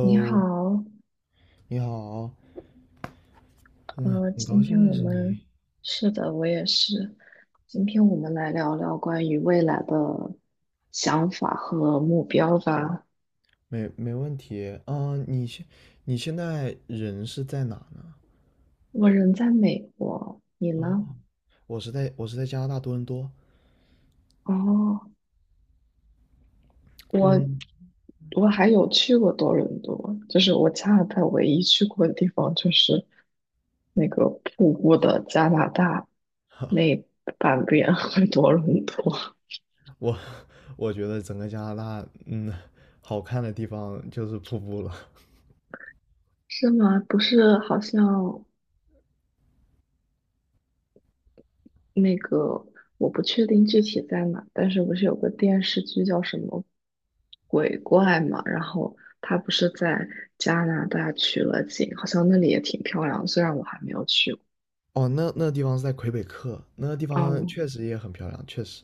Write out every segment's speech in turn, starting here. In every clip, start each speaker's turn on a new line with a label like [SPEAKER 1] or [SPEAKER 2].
[SPEAKER 1] 你 好，
[SPEAKER 2] 你好，很很高
[SPEAKER 1] 今
[SPEAKER 2] 兴
[SPEAKER 1] 天
[SPEAKER 2] 认
[SPEAKER 1] 我
[SPEAKER 2] 识你，
[SPEAKER 1] 们是的，我也是。今天我们来聊聊关于未来的想法和目标吧。
[SPEAKER 2] 没问题啊。你现在人是在哪呢？
[SPEAKER 1] 我人在美国，你呢？
[SPEAKER 2] 哦，我是在加拿大多伦多。
[SPEAKER 1] 哦，我
[SPEAKER 2] 嗯，
[SPEAKER 1] 我还有去过多伦多，就是我加拿大唯一去过的地方就是那个瀑布的加拿大那 半边和多伦多。
[SPEAKER 2] 我我觉得整个加拿大，好看的地方就是瀑布了。
[SPEAKER 1] 是吗？不是，好像。那个，我不确定具体在哪，但是不是有个电视剧叫什么鬼怪嘛？然后他不是在加拿大取了景，好像那里也挺漂亮的，虽然我还没有去过。
[SPEAKER 2] 哦，那地方是在魁北克，那地方
[SPEAKER 1] 哦，
[SPEAKER 2] 确实也很漂亮，确实。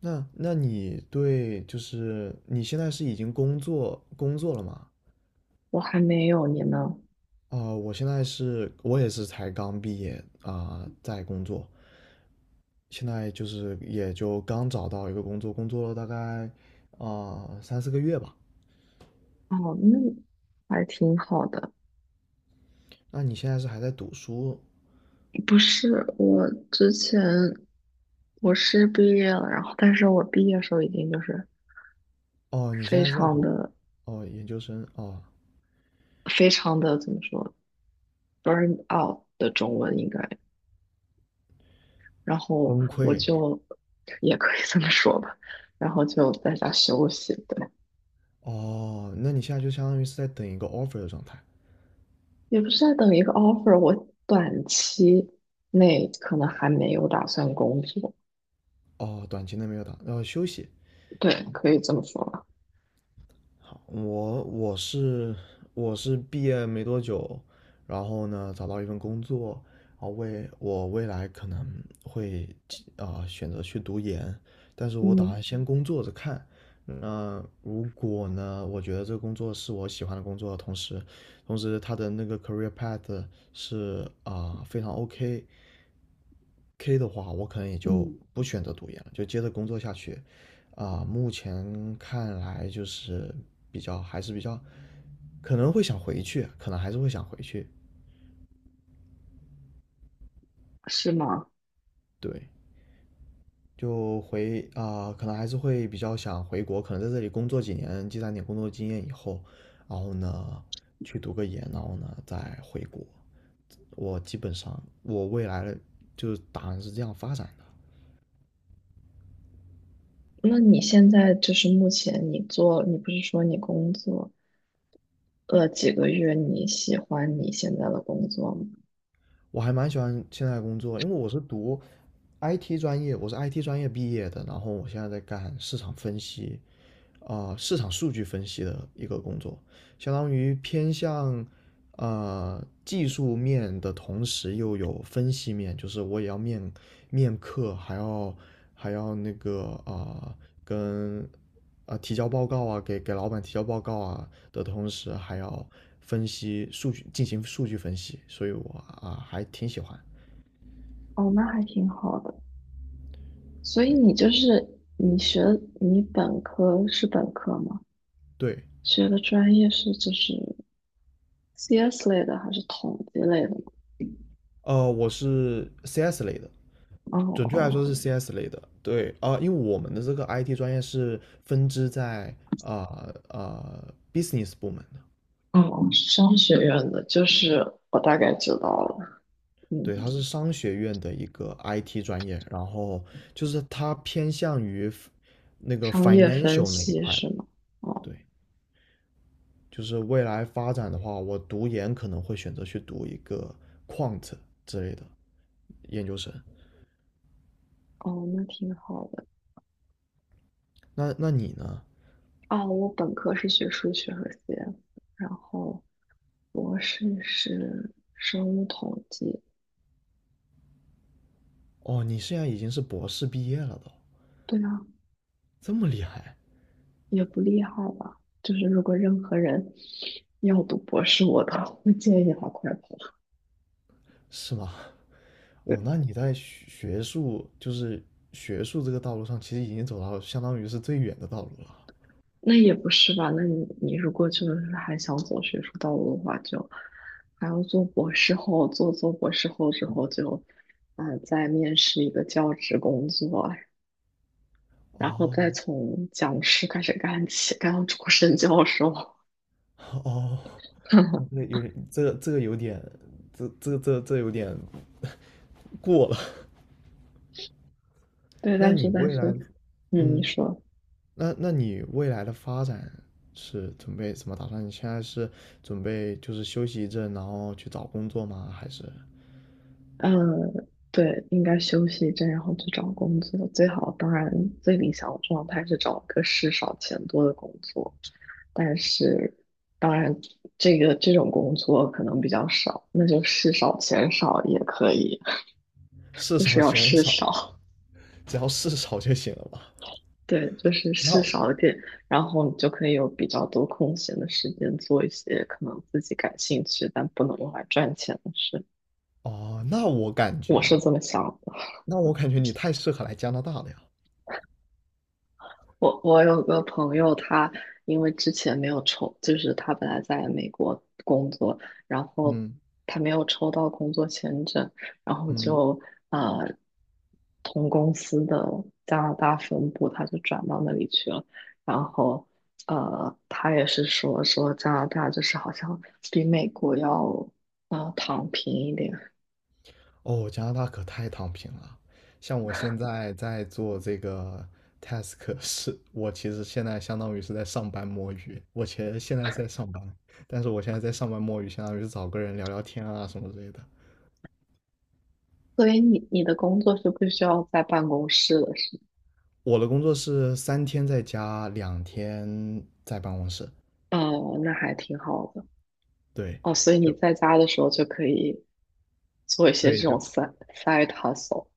[SPEAKER 2] 那你对就是你现在是已经工作了吗？
[SPEAKER 1] 我还没有，你呢？
[SPEAKER 2] 我现在是，我也是才刚毕业啊，在工作，现在就是也就刚找到一个工作，工作了大概三四个月吧。
[SPEAKER 1] 哦，那还挺好的。
[SPEAKER 2] 那你现在是还在读书？
[SPEAKER 1] 不是，我之前我是毕业了，然后但是我毕业的时候已经就是
[SPEAKER 2] 哦，你现
[SPEAKER 1] 非
[SPEAKER 2] 在是在
[SPEAKER 1] 常
[SPEAKER 2] 读
[SPEAKER 1] 的
[SPEAKER 2] 哦研究生哦，
[SPEAKER 1] 非常的怎么说， burn out 的中文应该。然后
[SPEAKER 2] 崩
[SPEAKER 1] 我
[SPEAKER 2] 溃
[SPEAKER 1] 就也可以这么说吧，然后就在家休息，对，
[SPEAKER 2] 哦，那你现在就相当于是在等一个 offer 的状态
[SPEAKER 1] 也不是在等一个 offer，我短期内可能还没有打算工作，
[SPEAKER 2] 哦，短期内没有打，休息。
[SPEAKER 1] 对，可以这么说吧，
[SPEAKER 2] 我我是我是毕业没多久，然后呢找到一份工作，为我未来可能会选择去读研，但是我打
[SPEAKER 1] 嗯
[SPEAKER 2] 算先工作着看。那如果呢，我觉得这个工作是我喜欢的工作，同时他的那个 career path 是非常 OK 的话，我可能也就
[SPEAKER 1] 嗯，
[SPEAKER 2] 不选择读研了，就接着工作下去。目前看来就是比较还是比较，可能会想回去，可能还是会想回去。
[SPEAKER 1] 是吗？
[SPEAKER 2] 对，就回可能还是会比较想回国，可能在这里工作几年，积攒点工作经验以后，然后呢去读个研，然后呢再回国。我基本上我未来的就是打算是这样发展的。
[SPEAKER 1] 那你现在就是目前你做，你不是说你工作了几个月，你喜欢你现在的工作吗？
[SPEAKER 2] 我还蛮喜欢现在的工作，因为我是读 IT 专业，我是 IT 专业毕业的，然后我现在在干市场分析，市场数据分析的一个工作，相当于偏向技术面的同时又有分析面，就是我也要面客，还要那个跟提交报告啊，给老板提交报告啊的同时，还要分析数据，进行数据分析，所以我还挺喜欢，
[SPEAKER 1] 哦，那还挺好的。所以
[SPEAKER 2] 对
[SPEAKER 1] 你就是你本科是本科吗？
[SPEAKER 2] 对，
[SPEAKER 1] 学的专业是就是 CS 类的还是统计类的吗？
[SPEAKER 2] 我是 CS 类的，
[SPEAKER 1] 哦
[SPEAKER 2] 准确来说
[SPEAKER 1] 哦
[SPEAKER 2] 是 CS 类的。对，因为我们的这个 IT 专业是分支在business 部门的，
[SPEAKER 1] 哦，商学院的，就是我大概知道了，嗯，
[SPEAKER 2] 对，它是商学院的一个 IT 专业，然后就是它偏向于 那个
[SPEAKER 1] 商业分
[SPEAKER 2] financial 那一
[SPEAKER 1] 析
[SPEAKER 2] 块的。
[SPEAKER 1] 是吗？哦
[SPEAKER 2] 对，就是未来发展的话，我读研可能会选择去读一个 quant 之类的研究生。
[SPEAKER 1] 哦，那挺好的。
[SPEAKER 2] 那你呢？
[SPEAKER 1] 哦，我本科是学数学和 CS，然后博士是生物统计。
[SPEAKER 2] 哦，你现在已经是博士毕业了都，
[SPEAKER 1] 对啊，
[SPEAKER 2] 这么厉害。
[SPEAKER 1] 也不厉害吧？就是如果任何人要读博士，我都 会建议他快跑。
[SPEAKER 2] 是吗？哦，
[SPEAKER 1] 对。
[SPEAKER 2] 那你在学学术，就是学术这个道路上，其实已经走到相当于是最远的道路了。
[SPEAKER 1] 那也不是吧？那你如果真的是还想走学术道路的话，就还要做博士后，做博士后之后就，呃，再面试一个教职工作，然后
[SPEAKER 2] 哦，
[SPEAKER 1] 再从讲师开始干起，干到终身教授。
[SPEAKER 2] 哦，哦，这个 有点，这个有点，这有点过了。
[SPEAKER 1] 对，
[SPEAKER 2] 那
[SPEAKER 1] 但是
[SPEAKER 2] 你
[SPEAKER 1] 但
[SPEAKER 2] 未来，
[SPEAKER 1] 是，嗯，你
[SPEAKER 2] 嗯，
[SPEAKER 1] 说，
[SPEAKER 2] 那你未来的发展是准备怎么打算？你现在是准备就是休息一阵，然后去找工作吗？还是
[SPEAKER 1] 嗯，对，应该休息一阵，然后去找工作。最好，当然最理想的状态是找一个事少钱多的工作。但是当然这种工作可能比较少，那就事少钱少也可以，
[SPEAKER 2] 事
[SPEAKER 1] 就是
[SPEAKER 2] 少
[SPEAKER 1] 要
[SPEAKER 2] 钱
[SPEAKER 1] 事
[SPEAKER 2] 少，
[SPEAKER 1] 少，
[SPEAKER 2] 只要事少就行了吧？
[SPEAKER 1] 对，就是事
[SPEAKER 2] 那
[SPEAKER 1] 少一点，然后你就可以有比较多空闲的时间做一些可能自己感兴趣但不能用来赚钱的事，
[SPEAKER 2] 哦，那我感
[SPEAKER 1] 我
[SPEAKER 2] 觉
[SPEAKER 1] 是
[SPEAKER 2] 啊，
[SPEAKER 1] 这么想的。
[SPEAKER 2] 那我感觉你太适合来加拿大了呀。
[SPEAKER 1] 我有个朋友，他因为之前没有抽，就是他本来在美国工作，然后
[SPEAKER 2] 嗯
[SPEAKER 1] 他没有抽到工作签证，然后
[SPEAKER 2] 嗯，
[SPEAKER 1] 就呃，同公司的加拿大分部，他就转到那里去了。然后他也是说加拿大就是好像比美国要躺平一点，
[SPEAKER 2] 哦，加拿大可太躺平了。像我现在在做这个 task 是，我其实现在相当于是在上班摸鱼。我其实现在是在上班，但是我现在在上班摸鱼，相当于是找个人聊聊天啊什么之类的。
[SPEAKER 1] 所以你的工作是不需要在办公室的，是吗？
[SPEAKER 2] 我的工作是三天在家，2天在办公室。
[SPEAKER 1] 哦，那还挺好的。
[SPEAKER 2] 对，
[SPEAKER 1] 哦，所以你
[SPEAKER 2] 就
[SPEAKER 1] 在家的时候就可以做一些
[SPEAKER 2] 对，
[SPEAKER 1] 这
[SPEAKER 2] 就
[SPEAKER 1] 种 side hustle。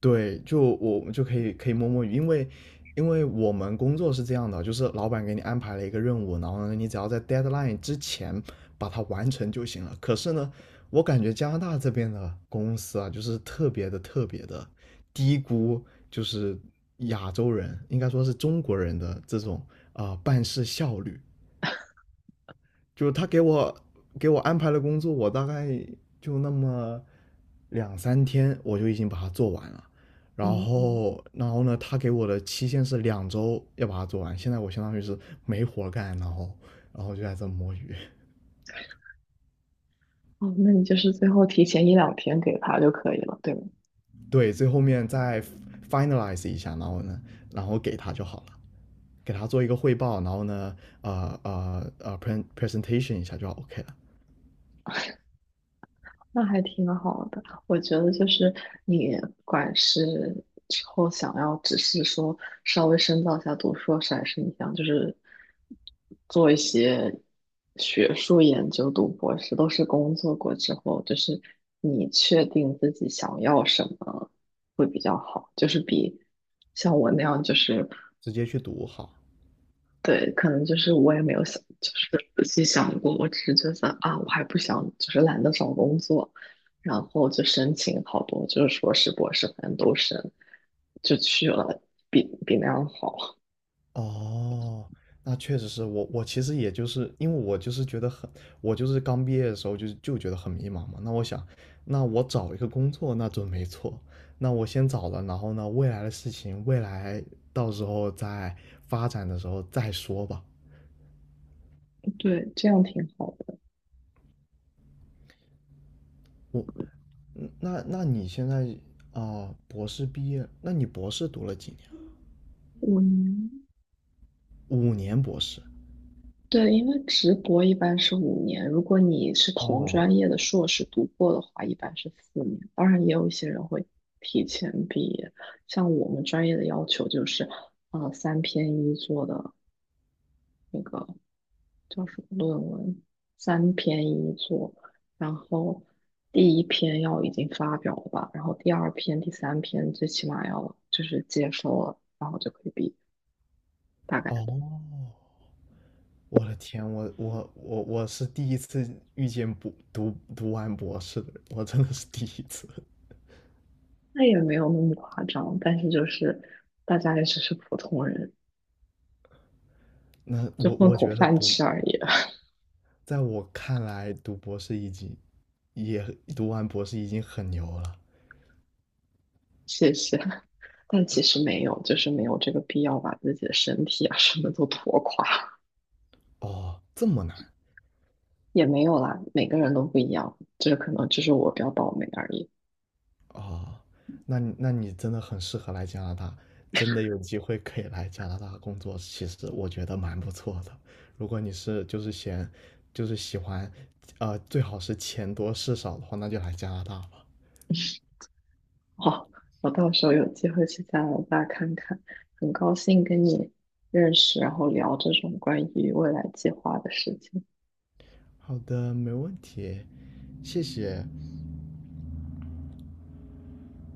[SPEAKER 2] 对，就我们就可以摸摸鱼，因为我们工作是这样的，就是老板给你安排了一个任务，然后呢，你只要在 deadline 之前把它完成就行了。可是呢，我感觉加拿大这边的公司啊，就是特别的特别的低估，就是亚洲人，应该说是中国人的这种办事效率。就他给我安排了工作，我大概就那么两三天，我就已经把它做完了。然
[SPEAKER 1] 嗯，
[SPEAKER 2] 后，然后呢，他给我的期限是2周要把它做完。现在我相当于是没活干，然后就在这摸鱼。
[SPEAKER 1] 哦，那你就是最后提前一两天给他就可以了，对吗？
[SPEAKER 2] 对，最后面再 finalize 一下，然后呢，然后给他就好了，给他做一个汇报，然后呢，presentation 一下就 OK 了，
[SPEAKER 1] 那还挺好的，我觉得就是你不管是之后想要只是说稍微深造一下读硕士，还是你想就是做一些学术研究、读博士，都是工作过之后，就是你确定自己想要什么会比较好，就是比像我那样就是
[SPEAKER 2] 直接去读好。
[SPEAKER 1] 对，可能就是我也没有想，就是仔细想过，我只是觉得啊，我还不想，就是懒得找工作，然后就申请好多，就是硕士、博士，反正都申，就去了，比那样好。
[SPEAKER 2] 哦，那确实是我，我其实也就是因为我就是觉得很，我就是刚毕业的时候就觉得很迷茫嘛。那我想，那我找一个工作那准没错，那我先找了，然后呢，未来的事情，未来到时候再发展的时候再说吧。
[SPEAKER 1] 对，这样挺好的。
[SPEAKER 2] 我，那你现在啊，博士毕业，那你博士读了几年？
[SPEAKER 1] 五年，
[SPEAKER 2] 5年博士。
[SPEAKER 1] 对，因为直博一般是五年，如果你是同
[SPEAKER 2] 哦
[SPEAKER 1] 专业的硕士读过的话，一般是4年。当然，也有一些人会提前毕业，像我们专业的要求就是，呃，三篇一做的。那个。叫什么论文，三篇一作，然后第一篇要已经发表了吧，然后第二篇、第三篇最起码要就是接收了，然后就可以毕业，大概
[SPEAKER 2] 哦我的天，我是第一次遇见不读完博士的人，我真的是第一次。
[SPEAKER 1] 那也没有那么夸张，但是就是大家也只是普通人，
[SPEAKER 2] 那
[SPEAKER 1] 就
[SPEAKER 2] 我
[SPEAKER 1] 混
[SPEAKER 2] 我
[SPEAKER 1] 口
[SPEAKER 2] 觉得
[SPEAKER 1] 饭
[SPEAKER 2] 读，
[SPEAKER 1] 吃而已，
[SPEAKER 2] 在我看来，也读完博士已经很牛了。
[SPEAKER 1] 谢谢。但其实没有，就是没有这个必要把自己的身体啊什么都拖垮，
[SPEAKER 2] 哦，这么难
[SPEAKER 1] 也没有啦，每个人都不一样，就是可能就是我比较倒霉而已。
[SPEAKER 2] 哦，那你真的很适合来加拿大，真的有机会可以来加拿大工作，其实我觉得蛮不错的。如果你是就是嫌就是喜欢，最好是钱多事少的话，那就来加拿大吧。
[SPEAKER 1] 哦，我到时候有机会去加拿大看看。很高兴跟你认识，然后聊这种关于未来计划的事情。
[SPEAKER 2] 好的，没问题，谢谢。